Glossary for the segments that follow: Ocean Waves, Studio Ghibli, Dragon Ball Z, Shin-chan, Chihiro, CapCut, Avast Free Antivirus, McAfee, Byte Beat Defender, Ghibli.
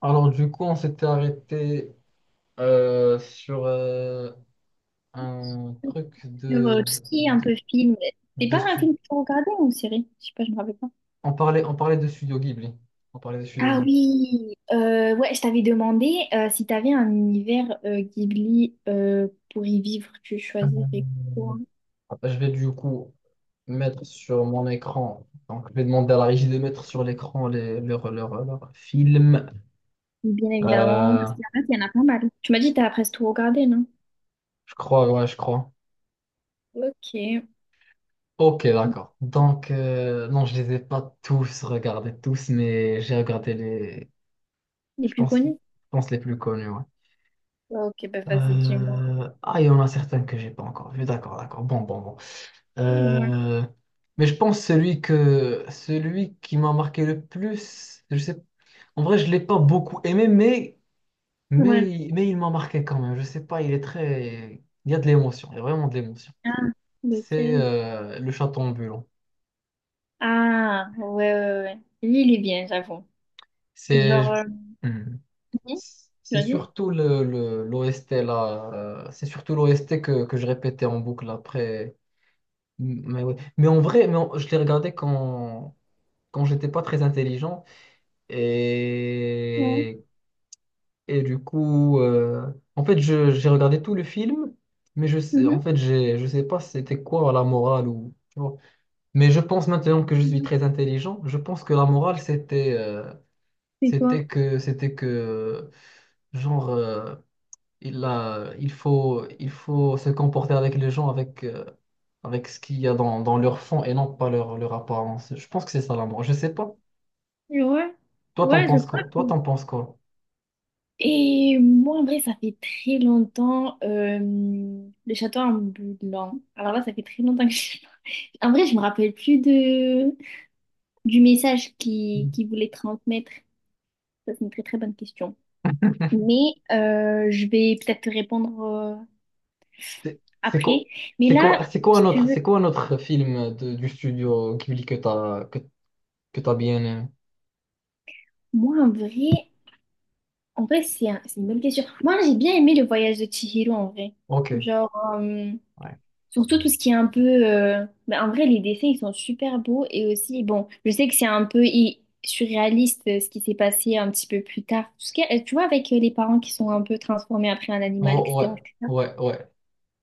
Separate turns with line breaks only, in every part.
Alors, du coup, on s'était arrêté sur un truc
Sur tout ce qui est un
de,
peu film. C'est
de
pas un
stu-
film que tu regardais ou une série? Je sais pas, je me rappelle pas.
On parlait, de Studio Ghibli. On parlait de Studio
Ah
Ghibli.
oui, ouais, je t'avais demandé si t'avais un univers Ghibli pour y vivre, tu choisirais quoi?
Je vais du coup mettre sur mon écran. Donc, je vais demander à la régie de mettre sur l'écran leurs films.
Bien évidemment,
Euh,
parce qu'il y en a pas mal. Tu m'as dit que t'as presque tout regardé, non?
je crois, ouais, je crois.
Ok.
Ok, d'accord. Donc, non, je les ai pas tous regardés, tous, mais j'ai regardé
Les plus
je
connus?
pense les plus connus, ouais.
Ok, bah vas-y, dis-moi.
Ah, il y en a certains que j'ai pas encore vu. D'accord, d'accord. Bon, bon, bon.
Ouais.
Euh, Mais je pense celui qui m'a marqué le plus, je sais. En vrai, je l'ai pas beaucoup aimé, mais
Ouais.
mais il m'a marqué quand même. Je sais pas, il est très. Il y a de l'émotion. Il y a vraiment de l'émotion.
Ah,
C'est
lequel?
le chaton ambulant.
Ah, ouais, ouais, ouais. Lui, il est bien, j'avoue. Et genre,
C'est Hmm.
mhm.
C'est
Vas-y.
surtout l'OST là. C'est surtout l'OST que je répétais en boucle après. Mais, ouais. Mais en vrai, je les regardais quand j'étais pas très intelligent.
Ouais.
Et, et du coup, en fait, j'ai regardé tout le film, mais je sais, en fait, je sais pas si c'était quoi la morale ou, tu vois. Mais je pense maintenant que je suis
Mhm.
très intelligent, je pense que la morale, c'était
C'est quoi?
c'était que, genre, il faut se comporter avec les gens avec, avec ce qu'il y a dans leur fond et non pas leur apparence. Je pense que c'est ça l'amour. Je sais pas.
Ouais,
Toi, t'en
ouais, je
penses
crois
quoi?
que...
Toi, t'en penses quoi?
Et moi, en vrai, ça fait très longtemps, le château en blanc. Alors là, ça fait très longtemps que je... En vrai, je me rappelle plus... de... du message qui voulait transmettre. Ça, c'est une très très bonne question. Mais je vais peut-être te répondre
C'est quoi,
après. Mais là,
c'est quoi un
si tu
autre,
veux,
du studio Ghibli que que t'as bien aimé?
moi, en vrai, c'est une bonne question. Moi, j'ai bien aimé le voyage de Chihiro, en vrai.
Ok.
Genre... euh,
Ouais.
surtout tout ce qui est un peu... bah, en vrai, les dessins, ils sont super beaux. Et aussi, bon, je sais que c'est un peu surréaliste, ce qui s'est passé un petit peu plus tard. Tout ce qui est- Tu vois, avec les parents qui sont un peu transformés après un animal,
Oh, ouais,
etc. etc.
ouais, ouais.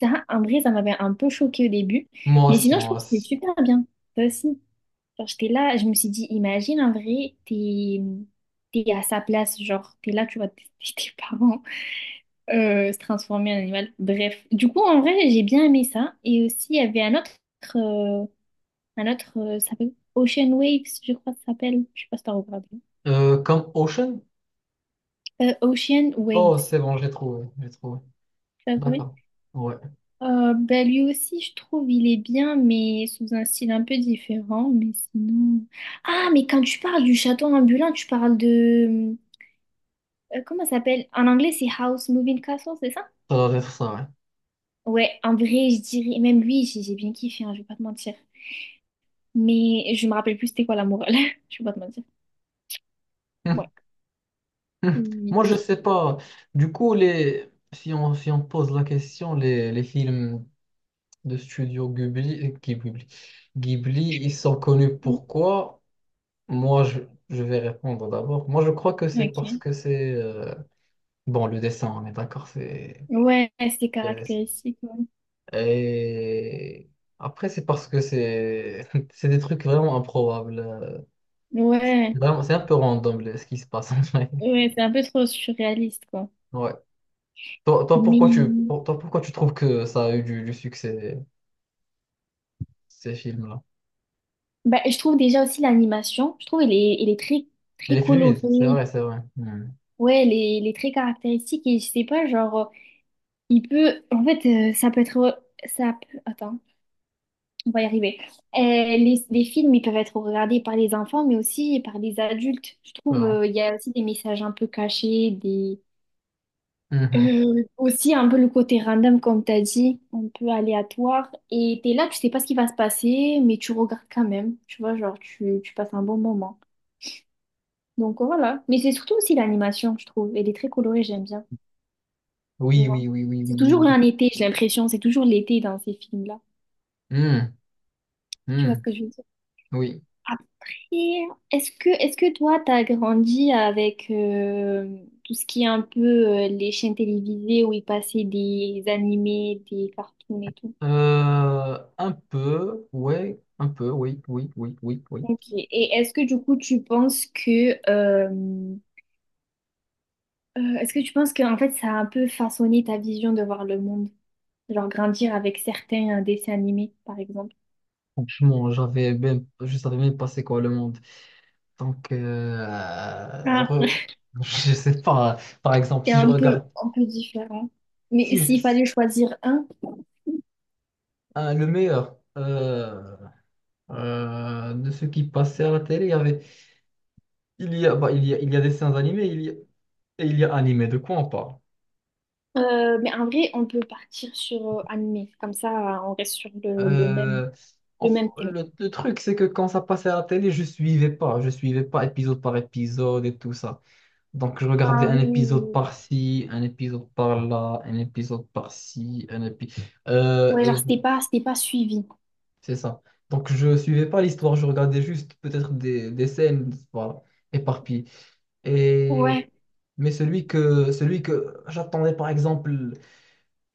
Ça, en vrai, ça m'avait un peu choqué au début.
Moi
Mais
aussi,
sinon, je
moi
trouve que c'était
aussi.
super bien. Ça aussi. Genre, j'étais là, je me suis dit, imagine, en vrai, t'es à sa place. Genre, t'es là, tu vois, tes tes parents se transformer en animal. Bref, du coup, en vrai, j'ai bien aimé ça. Et aussi, il y avait un autre, euh, ça s'appelle Ocean Waves, je crois que ça s'appelle. Je sais pas si t'as regardé.
Comme Ocean?
Ocean
Oh,
Waves,
c'est bon, j'ai trouvé, j'ai trouvé.
t'as trouvé?
D'accord. Ouais,
Bah, lui aussi, je trouve, il est bien, mais sous un style un peu différent. Mais sinon. Ah, mais quand tu parles du château ambulant, tu parles de... comment ça s'appelle? En anglais, c'est House Moving Castle, c'est ça?
ça doit être ça, ouais.
Ouais, en vrai, je dirais. Même lui, j'ai bien kiffé, hein, je vais pas te mentir. Mais je me rappelle plus c'était quoi la morale. Je peux pas te mentir. Ouais.
Hmm.
Oui.
Moi, je sais pas. Du coup, les, si si on pose la question, les films de studio Ghibli, Ghibli, ils sont connus pourquoi? Moi, je, je vais répondre d'abord. Moi, je crois que c'est parce
Ok.
que c'est bon, le dessin, on est d'accord, c'est
Ouais, c'est
euh,
caractéristique. Ouais.
et après, c'est parce que c'est c'est des trucs vraiment improbables.
Ouais,
Vraiment, c'est un peu random ce qui se passe en vrai.
ouais, c'est un peu trop surréaliste, quoi.
Ouais.
Mais
Toi, pourquoi tu trouves que ça a eu du succès? Ces films-là.
bah, je trouve déjà aussi l'animation, je trouve elle est très,
Elle
très
est fluide, c'est
colorée.
vrai, c'est vrai. Hmm.
Ouais, elle est très caractéristique et je sais pas, genre, il peut. En fait, ça peut être. Ça peut... Attends. On va y arriver. Les films, ils peuvent être regardés par les enfants, mais aussi par les adultes. Je trouve,
Bon.
il y a aussi des messages un peu cachés, des...
Mhm.
aussi un peu le côté random, comme tu as dit, un peu aléatoire. Et tu es là, tu sais pas ce qui va se passer, mais tu regardes quand même. Tu vois, genre, tu passes un bon moment. Donc voilà. Mais c'est surtout aussi l'animation, je trouve. Elle est très colorée, j'aime bien. Je
Oui,
vois.
oui, oui, oui,
C'est
oui, oui,
toujours
oui.
un été, j'ai l'impression. C'est toujours l'été dans ces films-là.
Hmm.
Tu vois
Hmm.
ce que je veux dire?
Oui.
Après, est-ce que toi, t'as grandi avec tout ce qui est un peu les chaînes télévisées où ils passaient des animés, des cartoons et tout?
Un peu, ouais, un peu, oui, oui, oui, oui, oui.
Ok. Et est-ce que du coup, tu penses que, est-ce que tu penses que en fait, ça a un peu façonné ta vision de voir le monde? Genre grandir avec certains dessins animés, par exemple.
Franchement, je savais même pas c'est quoi le monde. Donc, euh,
Ah.
re- je sais pas. Par exemple,
C'est un peu différent.
si
Mais
je,
s'il fallait choisir un,
le meilleur de ce qui passait à la télé, il y a des dessins animés, et il y a animé, de quoi on parle?
Mais en vrai, on peut partir sur animé. Comme ça, on reste sur le même,
Euh,
le même, thème.
le truc, c'est que quand ça passait à la télé, je suivais pas. Je suivais pas épisode par épisode et tout ça. Donc, je regardais
Ah
un
oui, oui, oui.
épisode
Oui.
par-ci, un épisode par-là, un épisode par-ci, un épisode,
Ouais,
et
genre, c'était
bon,
pas, c'était pas suivi.
c'est ça. Donc, je suivais pas l'histoire. Je regardais juste peut-être des scènes, voilà, éparpillées. Et
Ouais,
mais celui que j'attendais, par exemple,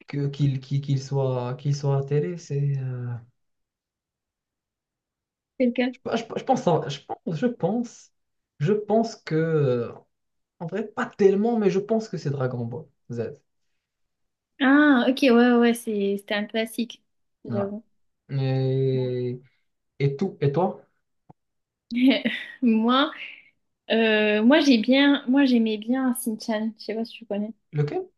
que, qu'il, qu'il qu'il soit à la télé, c'est
c'est le cas.
Je pense, je pense que, en vrai, pas tellement, mais je pense que c'est Dragon Ball Z.
Ah, ok, ouais, ouais, c'était un classique,
Ouais.
j'avoue.
Et, et tout, et toi?
Moi, moi j'aimais bien Shin-chan, je sais pas si tu connais.
Lequel?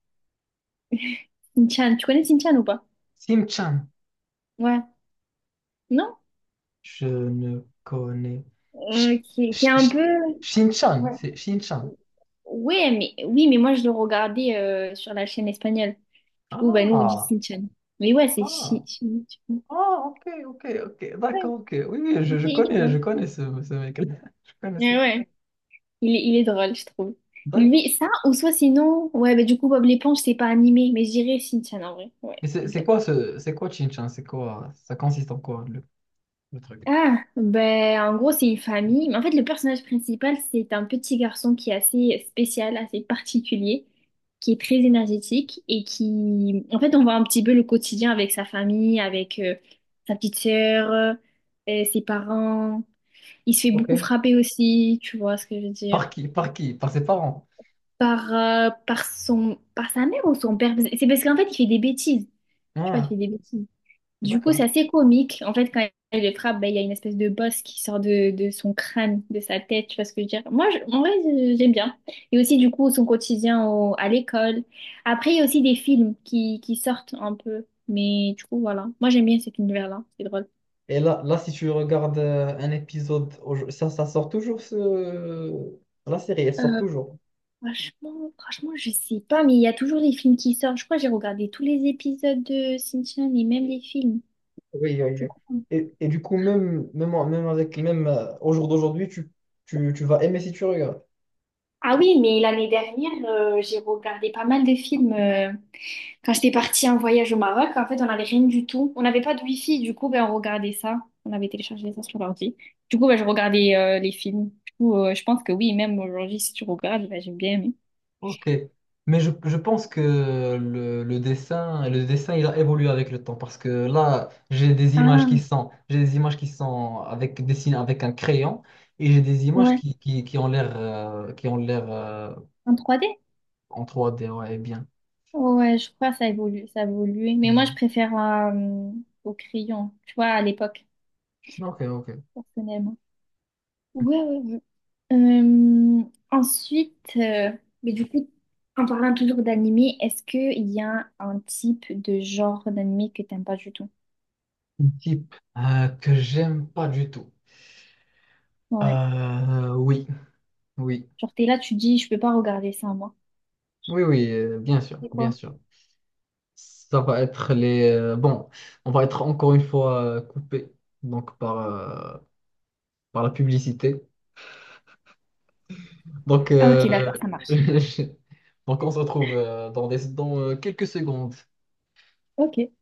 Shin-chan, tu connais Shin-chan ou pas?
Sim-chan.
Ouais. Non?
Je ne connais.
Euh,
Shi-
qui, est qui est
Shi-
un
Shi-
peu...
Shin-chan,
Ouais.
c'est Shin-chan.
Ouais, mais, oui, mais moi je le regardais sur la chaîne espagnole. Ou bah nous on dit
Ah,
Shin-chan. Mais ouais, c'est Shin...
ah, ah, ok, ok, ok,
Ouais,
d'accord, ok. Oui, oui,
il est il est
je
bien.
connais ce mec. Je connais ce.
Ouais, ouais. Il est drôle, je trouve.
D'accord.
Lui, ça, ou soit sinon... Ouais, bah du coup Bob l'éponge c'est pas animé, mais je dirais Shin-chan en vrai. Ouais,
Et
c'est
c'est
bien.
quoi ce, c'est quoi Shin-chan? C'est quoi, ça consiste en quoi le truc?
Ah, ben, en gros, c'est une famille. Mais en fait, le personnage principal, c'est un petit garçon qui est assez spécial, assez particulier, qui est très énergétique et qui, en fait, on voit un petit peu le quotidien avec sa famille, avec sa petite sœur, et ses parents. Il se fait
Ok.
beaucoup frapper aussi, tu vois ce que je veux
Par
dire,
qui? Par qui? Par ses parents.
par, par sa mère ou son père. C'est parce qu'en fait, il fait des bêtises. Tu vois, il
Ah,
fait des bêtises. Du coup, c'est
d'accord.
assez comique. En fait, quand il le frappe, ben, il y a une espèce de bosse qui sort de son crâne, de sa tête, tu vois ce que je veux dire. Moi, en vrai, j'aime bien. Et aussi, du coup, son quotidien à l'école. Après, il y a aussi des films qui sortent un peu. Mais du coup, voilà. Moi, j'aime bien cet univers-là. C'est drôle.
Et là, si tu regardes un épisode, ça, ça sort toujours ce, la série, elle sort
Euh,
toujours.
franchement, franchement, je sais pas, mais il y a toujours des films qui sortent. Je crois que j'ai regardé tous les épisodes de Shinchan et même les films,
Oui, oui,
je
oui.
crois.
Et du coup, même avec, même au jour d'aujourd'hui, tu vas aimer si tu regardes.
Ah oui, mais l'année dernière, j'ai regardé pas mal de films. Quand j'étais partie en voyage au Maroc, en fait, on n'avait rien du tout. On n'avait pas de wifi, du coup, ben, on regardait ça. On avait téléchargé ça sur l'ordi. Du coup, ben, je regardais les films. Du coup, je pense que oui, même aujourd'hui, si tu regardes, ben, j'ai bien aimé.
Ok, mais je pense que le dessin, il a évolué avec le temps parce que là,
Ah,
j'ai des images qui sont avec dessinées avec un crayon et j'ai des images
ouais.
qui ont l'air
En 3D?
en trois d ouais, bien.
Ouais, je crois que ça évolue, ça a évolué. Mais moi, je
Hmm.
préfère au crayon, tu vois, à l'époque,
Ok, ok.
personnellement. Ouais, ouais, ouais. Euh, ensuite, mais du coup, en parlant toujours d'animé, est-ce qu'il y a un type de genre d'animé que t'aimes pas du tout?
Un type que j'aime pas du tout.
Ouais.
Oui, oui,
Genre, t'es là, tu dis, je peux pas regarder ça, moi.
oui, oui, bien sûr,
C'est
bien
quoi?
sûr. Ça va être les. Bon, on va être encore une fois coupé donc par par la publicité. Donc,
Ah, ok, d'accord, ça marche.
donc on se retrouve dans, dans quelques secondes.
Ok.